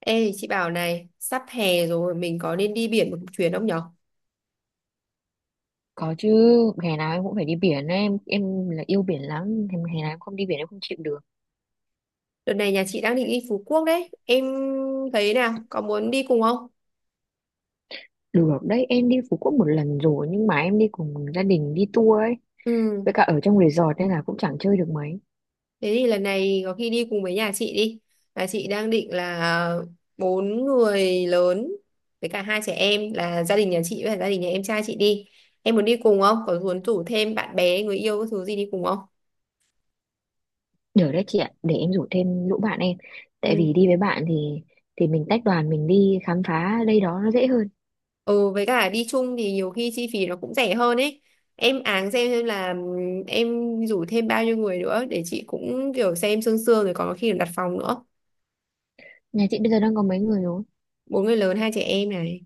Ê chị bảo này, sắp hè rồi mình có nên đi biển một chuyến không nhở? Có chứ, hè nào em cũng phải đi biển ấy. Em là yêu biển lắm, em hè nào em không đi biển em không chịu được. Đợt này nhà chị đang định đi Phú Quốc đấy, em thấy nào, có muốn đi cùng không? Được đấy, em đi Phú Quốc một lần rồi nhưng mà em đi cùng gia đình đi tour ấy, Ừ, với cả ở trong resort nên là cũng chẳng chơi được mấy. thế thì lần này có khi đi cùng với nhà chị đi. Nhà chị đang định là 4 người lớn với cả 2 trẻ em, là gia đình nhà chị với cả gia đình nhà em trai chị đi. Em muốn đi cùng không? Có muốn rủ thêm bạn bè, người yêu, cái thứ gì đi cùng không? Được đấy chị ạ, để em rủ thêm lũ bạn em. Tại Ừ. vì đi với bạn thì mình tách đoàn mình đi khám phá đây đó nó dễ hơn. Ừ, với cả đi chung thì nhiều khi chi phí nó cũng rẻ hơn ấy. Em áng xem là em rủ thêm bao nhiêu người nữa để chị cũng kiểu xem sương sương rồi còn có khi là đặt phòng nữa. Nhà chị bây giờ đang có mấy người rồi? 4 người lớn 2 trẻ em này.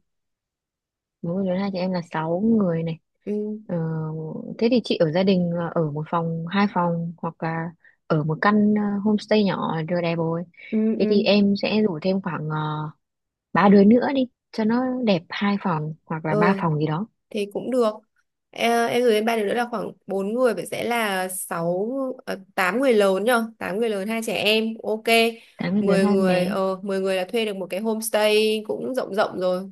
Bố của Tuấn hai chị em là sáu người này. Ừ, ờ, Thế thì chị ở gia đình là ở một phòng hai phòng hoặc là ở một căn homestay nhỏ là vừa đẹp rồi. ừ, Thế thì ừ. em sẽ rủ thêm khoảng ba đứa nữa đi cho nó đẹp hai phòng hoặc là ba Ừ phòng gì đó. thì cũng được. Ờ, em gửi lên 3 đứa nữa là khoảng 4 người, vậy sẽ là sáu 8 người lớn nhờ, 8 người lớn 2 trẻ em. Ok. Tám người lớn mười hai em người bé. ờ mười người là thuê được một cái homestay cũng rộng rộng rồi.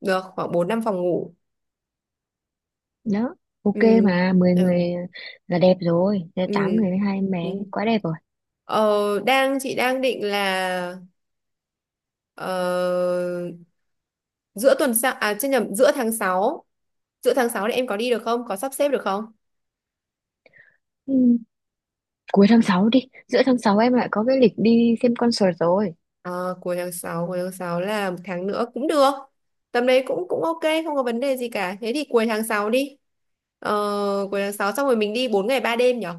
Được khoảng 4 5 phòng ngủ. Đó, ok, Ừ. mà 10 người Ừ. là đẹp rồi. Thế tám Ừ. người với hai em bé Ừ. quá đẹp rồi. Ờ, chị đang định là ờ, giữa tuần sau, à chứ nhầm, giữa tháng 6 thì em có đi được không, có sắp xếp được không? Ừ. Cuối tháng 6 đi. Giữa tháng 6 em lại có cái lịch đi xem concert rồi. Ờ, cuối tháng sáu là một tháng nữa cũng được, tầm đấy cũng cũng ok, không có vấn đề gì cả, thế thì cuối tháng 6 đi. ờ, Cuối tháng 6 xong rồi mình đi 4 ngày 3 đêm nhở.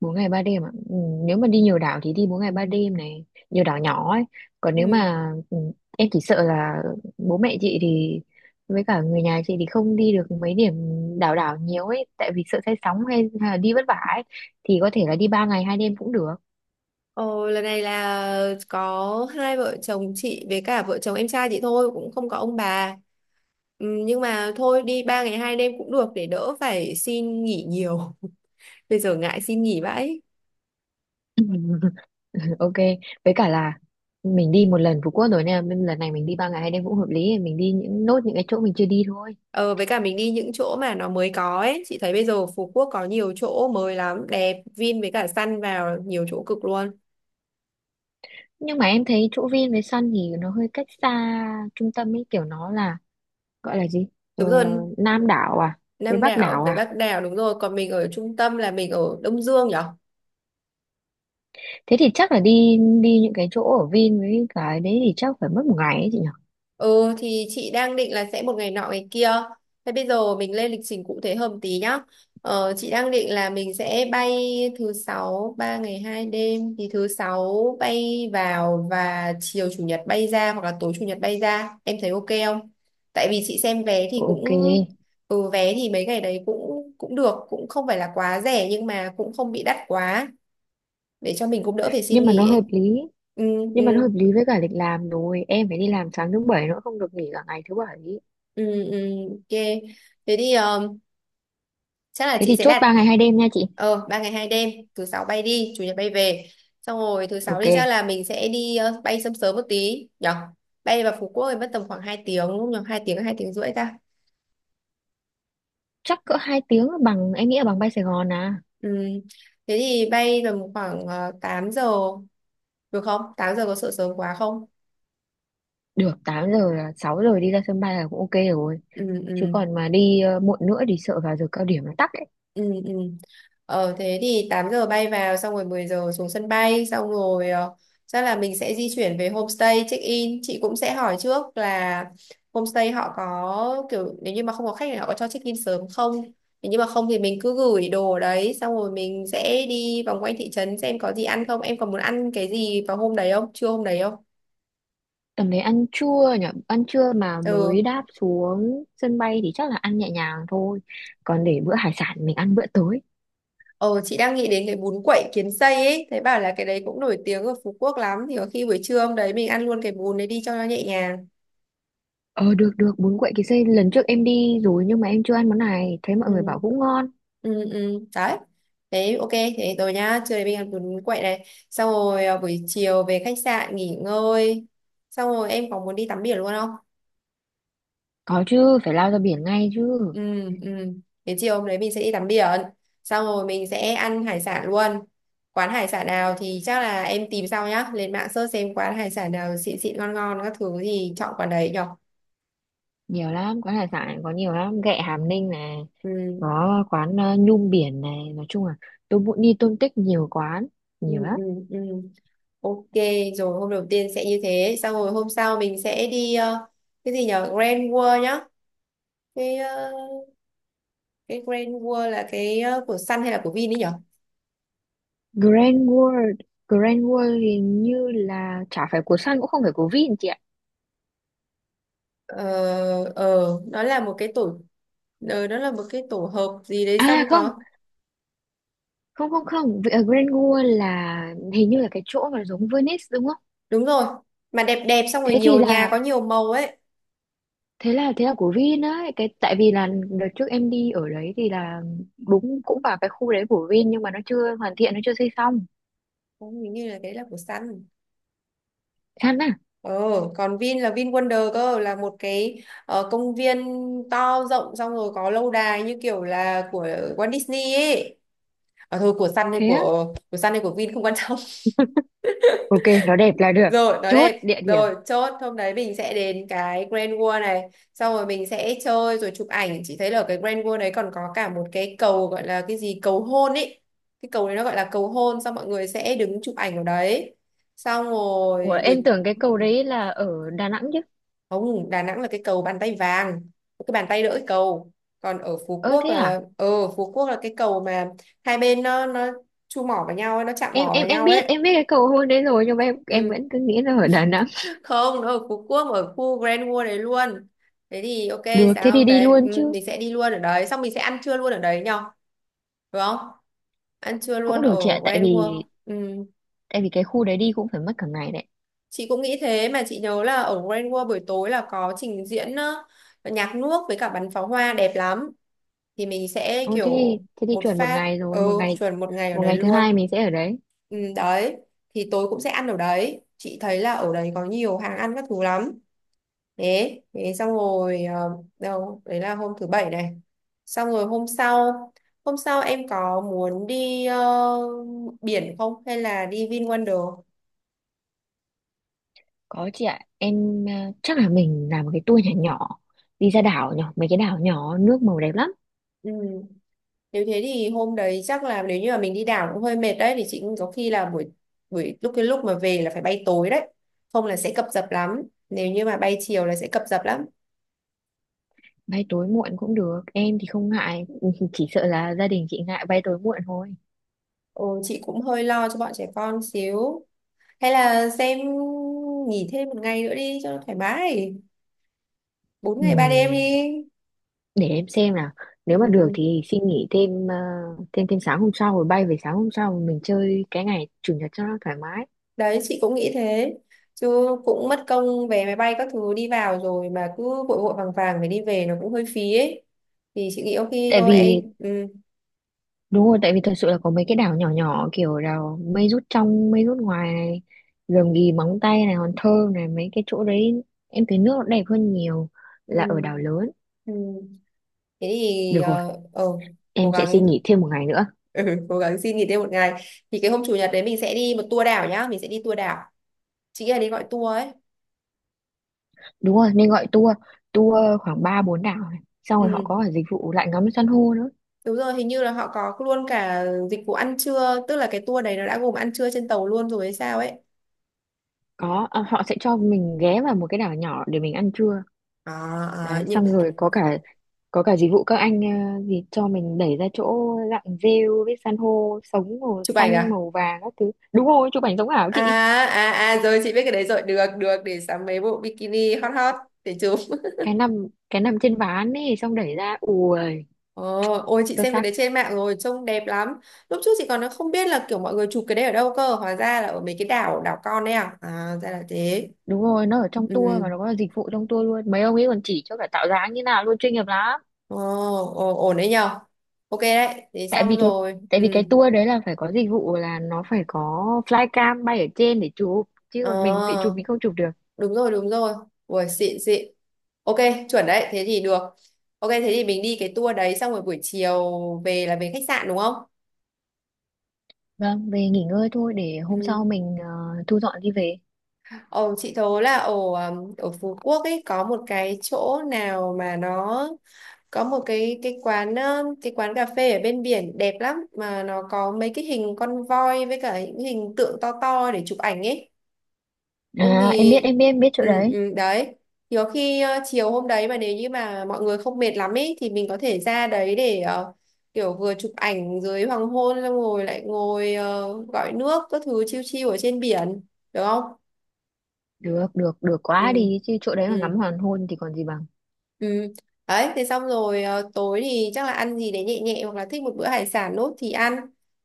Bốn ngày ba đêm ạ, ừ, nếu mà đi nhiều đảo thì đi bốn ngày ba đêm này nhiều đảo nhỏ ấy, còn nếu Ừ. mà em chỉ sợ là bố mẹ chị thì với cả người nhà chị thì không đi được mấy điểm đảo đảo nhiều ấy tại vì sợ say sóng hay là đi vất vả ấy thì có thể là đi ba ngày hai đêm cũng được. ờ, Lần này là có hai vợ chồng chị với cả vợ chồng em trai chị thôi, cũng không có ông bà. Ừ, nhưng mà thôi đi 3 ngày 2 đêm cũng được để đỡ phải xin nghỉ nhiều. Bây giờ ngại xin nghỉ vãi. Ok, với cả là mình đi một lần Phú Quốc rồi nên là lần này mình đi ba ngày hai đêm cũng hợp lý mình đi những nốt những cái chỗ mình chưa đi thôi. Ờ với cả mình đi những chỗ mà nó mới có ấy, chị thấy bây giờ Phú Quốc có nhiều chỗ mới lắm, đẹp, Vin với cả Sun vào nhiều chỗ cực luôn. Nhưng mà em thấy chỗ Vin với Sun thì nó hơi cách xa trung tâm ấy kiểu nó là gọi là gì, ờ, Đúng rồi, Nam đảo à, với Nam Bắc đảo đảo với à. Bắc đảo, đúng rồi, còn mình ở trung tâm là mình ở Đông Dương nhỉ. Thế thì chắc là đi đi những cái chỗ ở Vin với cái đấy thì chắc phải mất một ngày ấy chị nhỉ. Ừ thì chị đang định là sẽ một ngày nọ ngày kia. Thế bây giờ mình lên lịch trình cụ thể hơn tí nhá. Ờ, chị đang định là mình sẽ bay thứ sáu, 3 ngày 2 đêm thì thứ sáu bay vào và chiều chủ nhật bay ra hoặc là tối chủ nhật bay ra. Em thấy ok không? Tại vì chị xem vé thì cũng, Ok, ừ, vé thì mấy ngày đấy cũng cũng được, cũng không phải là quá rẻ nhưng mà cũng không bị đắt quá, để cho mình cũng đỡ phải xin nhưng mà nó nghỉ hợp ấy. lý Ừ, ừ, nhưng mà nó hợp lý với cả lịch làm rồi em phải đi làm sáng thứ bảy nữa không được nghỉ cả ngày thứ bảy. ừ, ừ, ok. Thế thì chắc là Thế chị thì sẽ chốt đặt ba ngày hai đêm nha chị. 3 ngày 2 đêm, thứ sáu bay đi chủ nhật bay về. Xong rồi thứ sáu Ok, đi chắc là mình sẽ bay sớm sớm một tí nhở. Bay vào Phú Quốc thì mất tầm khoảng 2 tiếng, đúng không nhở, 2 tiếng 2 tiếng rưỡi ta. chắc cỡ hai tiếng là bằng em nghĩ là bằng bay Sài Gòn à. Ừ. Thế thì bay tầm khoảng 8 giờ được không? 8 giờ có sợ sớm quá không? Được, tám giờ là 6 giờ đi ra sân bay là cũng ok rồi, Ừ, ừ. chứ còn mà đi muộn nữa thì sợ vào giờ cao điểm nó tắc. Ừ, ừ, thế thì 8 giờ bay vào, xong rồi 10 giờ xuống sân bay, xong rồi chắc là mình sẽ di chuyển về homestay check in. Chị cũng sẽ hỏi trước là homestay họ có kiểu nếu như mà không có khách thì họ có cho check in sớm không, nếu như mà không thì mình cứ gửi đồ ở đấy, xong rồi mình sẽ đi vòng quanh thị trấn xem có gì ăn không. Em còn muốn ăn cái gì vào hôm đấy không, trưa hôm đấy không? Tầm đấy ăn trưa nhỉ, ăn trưa mà Ừ. mới đáp xuống sân bay thì chắc là ăn nhẹ nhàng thôi. Còn để bữa hải sản mình ăn bữa tối. ờ chị đang nghĩ đến cái bún quậy kiến xây ấy, thấy bảo là cái đấy cũng nổi tiếng ở Phú Quốc lắm, thì có khi buổi trưa hôm đấy mình ăn luôn cái bún đấy đi cho nó nhẹ nhàng. Ờ, được được, bún quậy kỳ xê lần trước em đi rồi nhưng mà em chưa ăn món này, thấy mọi Ừ, người bảo cũng ngon. ừ, ừ, đấy. Thế ok, thế rồi nhá, trưa nay mình ăn bún quậy này, xong rồi à, buổi chiều về khách sạn nghỉ ngơi, xong rồi em có muốn đi tắm biển luôn không? Có chứ, phải lao ra biển ngay chứ. Ừ, ừ. Thế chiều hôm đấy mình sẽ đi tắm biển, xong rồi mình sẽ ăn hải sản luôn. Quán hải sản nào thì chắc là em tìm sau nhá, lên mạng search xem quán hải sản nào xịn xịn ngon ngon các thứ thì chọn quán đấy nhở. Nhiều lắm, quán hải sản có nhiều lắm, ghẹ Hàm Ninh này, Ừ, có quán Nhum Biển này, nói chung là tôi muốn đi Tôn Tích nhiều quán, ừ, nhiều ừ, lắm. ừ. Ok, rồi hôm đầu tiên sẽ như thế. Xong rồi hôm sau mình sẽ đi cái gì nhở, Grand World nhá. Cái ờ, cái Grand World là cái của Sun hay là của Vin ấy nhở. Grand World, Grand World hình như là chả phải của Sun cũng không phải của Vin chị ạ. Ờ, ờ, nó là một cái tổ, nó là một cái tổ hợp gì đấy xong À không, có. không, không, không vì ở Grand Gua là hình như là cái chỗ mà giống Venice đúng không. Đúng rồi, mà đẹp đẹp xong rồi Thế thì nhiều nhà là có nhiều màu ấy. thế là của Vin ấy, cái tại vì là đợt trước em đi ở đấy thì là đúng cũng vào cái khu đấy của Vin nhưng mà nó chưa hoàn thiện nó chưa xây xong. Cũng hình như là đấy là của Sun. Chán à. Ờ, còn Vin là Vin Wonder cơ, là một cái công viên to rộng, xong rồi có lâu đài như kiểu là của Walt Disney ấy. À, thôi của Sun hay Thế á. của Sun hay của Vin không quan trọng. Ok, nó đẹp là được. Rồi, nó Chốt đẹp. địa điểm. Rồi, chốt hôm đấy mình sẽ đến cái Grand World này, xong rồi mình sẽ chơi rồi chụp ảnh. Chị thấy là ở cái Grand World đấy còn có cả một cái cầu gọi là cái gì, cầu hôn ấy. Cái cầu đấy nó gọi là cầu hôn, xong mọi người sẽ đứng chụp ảnh ở đấy. Xong Ủa rồi em buổi. tưởng cái cầu đấy là ở Đà Nẵng chứ. Không, Đà Nẵng là cái cầu bàn tay vàng, cái bàn tay đỡ cái cầu. Còn ở Phú Ơ Quốc thế là à, cái cầu mà hai bên nó chu mỏ vào nhau ấy, nó chạm em mỏ em vào em nhau biết ấy. em biết cái cầu hôn đấy rồi nhưng mà em Ừ. vẫn cứ nghĩ là ở Đà Nẵng. Không, nó ở Phú Quốc, ở khu Grand World đấy luôn. Thế thì ok, Được thế sáng thì hôm đi đấy luôn chứ. mình sẽ đi luôn ở đấy, xong mình sẽ ăn trưa luôn ở đấy nhở, đúng không? Ăn trưa luôn Cũng được ở chị ạ, tại Grand World. vì Ừ. tại vì cái khu đấy đi cũng phải mất cả ngày đấy. Chị cũng nghĩ thế, mà chị nhớ là ở Grand World buổi tối là có trình diễn nhạc nước với cả bắn pháo hoa đẹp lắm, thì mình sẽ Ôi thế thì, kiểu thế thì một chuẩn một phát. ngày rồi Ừ, một ngày. chuẩn một ngày ở Một đấy ngày thứ luôn. hai mình sẽ ở đấy. Ừ, đấy, thì tối cũng sẽ ăn ở đấy, chị thấy là ở đấy có nhiều hàng ăn các thứ lắm. Thế thế xong rồi đâu đấy là hôm thứ bảy này. Xong rồi hôm sau em có muốn đi biển không hay là đi VinWonder? Có chị ạ, em chắc là mình làm một cái tour nhỏ nhỏ đi ra đảo nhỏ mấy cái đảo nhỏ nước màu đẹp lắm. Ừ. Nếu thế thì hôm đấy chắc là nếu như mà mình đi đảo cũng hơi mệt đấy, thì chị cũng có khi là buổi buổi lúc mà về là phải bay tối đấy, không là sẽ cập dập lắm, nếu như mà bay chiều là sẽ cập dập lắm. Bay tối muộn cũng được em thì không ngại, chỉ sợ là gia đình chị ngại bay tối muộn thôi. Ừ, chị cũng hơi lo cho bọn trẻ con xíu, hay là xem, nghỉ thêm một ngày nữa đi cho nó thoải mái, 4 ngày 3 đêm Ừm, đi. để em xem nào, nếu mà được Ừ. thì xin nghỉ thêm ờ, thêm thêm sáng hôm sau rồi bay về sáng hôm sau mình chơi cái ngày chủ nhật cho nó thoải mái. Đấy, chị cũng nghĩ thế, chứ cũng mất công vé máy bay các thứ đi vào rồi mà cứ vội vội vàng vàng phải đi về nó cũng hơi phí ấy, thì chị nghĩ ok. Tại Thôi vì em. Ừ. Đúng rồi, tại vì thật sự là có mấy cái đảo nhỏ nhỏ kiểu đảo mây rút trong, mây rút ngoài này, rừng Ghì Móng Tay này, Hòn Thơm này, mấy cái chỗ đấy em thấy nước nó đẹp hơn nhiều Ừ. là ở đảo lớn. Ừ. Thế thì Được rồi, cố em sẽ gắng. xin nghỉ thêm một ngày nữa. Ừ, cố gắng xin nghỉ thêm một ngày, thì cái hôm chủ nhật đấy mình sẽ đi một tour đảo nhá, mình sẽ đi tour đảo, chị nghĩ là đi gọi tour ấy. Đúng rồi, nên gọi tour, tour khoảng ba bốn đảo này. Xong rồi họ Ừ. có cả dịch vụ lại ngắm san hô nữa. Đúng rồi, hình như là họ có luôn cả dịch vụ ăn trưa, tức là cái tour đấy nó đã gồm ăn trưa trên tàu luôn rồi hay sao ấy. Có, à, họ sẽ cho mình ghé vào một cái đảo nhỏ để mình ăn trưa. À, à, Đấy những, xong rồi có cả dịch vụ các anh gì cho mình đẩy ra chỗ lặn rêu với san hô sống màu chụp ảnh xanh à, màu vàng các thứ, đúng rồi chụp ảnh sống ảo à, chị. à, à, rồi chị biết cái đấy rồi, được được, để sắm mấy bộ bikini hot hot để chụp. Cái nằm trên ván ấy xong đẩy ra ui Ờ, ôi chị sơ xem cái sắc. đấy trên mạng rồi trông đẹp lắm. Lúc trước chị còn không biết là kiểu mọi người chụp cái đấy ở đâu cơ, hóa ra là ở mấy cái đảo đảo con đấy, à à, ra là thế. Đúng rồi nó ở trong tour Ừ, mà nó có dịch vụ trong tour luôn mấy ông ấy còn chỉ cho cả tạo dáng như nào luôn chuyên nghiệp lắm. ồ, ồ, ổn đấy nhờ. Ok đấy, thế tại xong vì cái rồi. tại Ừ. vì cái tour đấy là phải có dịch vụ là nó phải có flycam bay ở trên để chụp chứ ờ còn mình tự chụp mình không chụp được. Đúng rồi, đúng rồi, ui xịn xịn, ok, chuẩn đấy, thế thì được, ok, thế thì mình đi cái tour đấy xong rồi buổi chiều về là về khách sạn đúng không? Vâng, về nghỉ ngơi thôi để hôm sau Ừ. mình thu dọn đi về. Ồ, chị thố là ở ở Phú Quốc ấy có một cái chỗ nào mà nó có một cái quán cái quán cà phê ở bên biển đẹp lắm, mà nó có mấy cái hình con voi với cả những hình tượng to to để chụp ảnh ấy. Ông À, em thì, biết em biết em biết chỗ ừ, đấy. ừ, đấy. Thì có khi chiều hôm đấy mà nếu như mà mọi người không mệt lắm ấy thì mình có thể ra đấy để uh, kiểu vừa chụp ảnh dưới hoàng hôn, xong rồi lại ngồi gọi nước các thứ chiêu chiêu ở trên biển được không? Được được được quá Ừ. đi chứ chỗ đấy mà Ừ. ngắm hoàng hôn thì còn gì bằng. Ừ. Đấy, thế xong rồi tối thì chắc là ăn gì đấy nhẹ nhẹ hoặc là thích một bữa hải sản nốt thì ăn.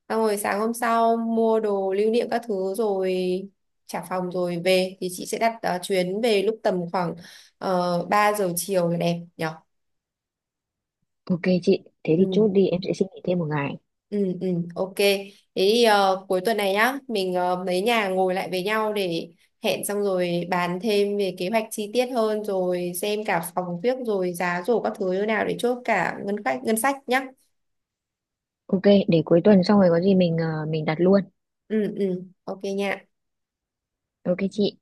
Xong rồi sáng hôm sau mua đồ lưu niệm các thứ rồi trả phòng rồi về thì chị sẽ đặt chuyến về lúc tầm khoảng 3 giờ chiều là đẹp nhỉ? Ok chị, thế Ừ, thì chốt đi em sẽ xin nghỉ thêm một ngày. ừ, ừ, ok. Thế thì cuối tuần này nhá, mình mấy nhà ngồi lại với nhau để hẹn, xong rồi bàn thêm về kế hoạch chi tiết hơn rồi xem cả phòng viết rồi giá rổ các thứ như nào để chốt cả ngân sách nhá. Ok, để cuối tuần xong rồi có gì mình đặt luôn. Ừ, ừ, ok nha. Ok chị.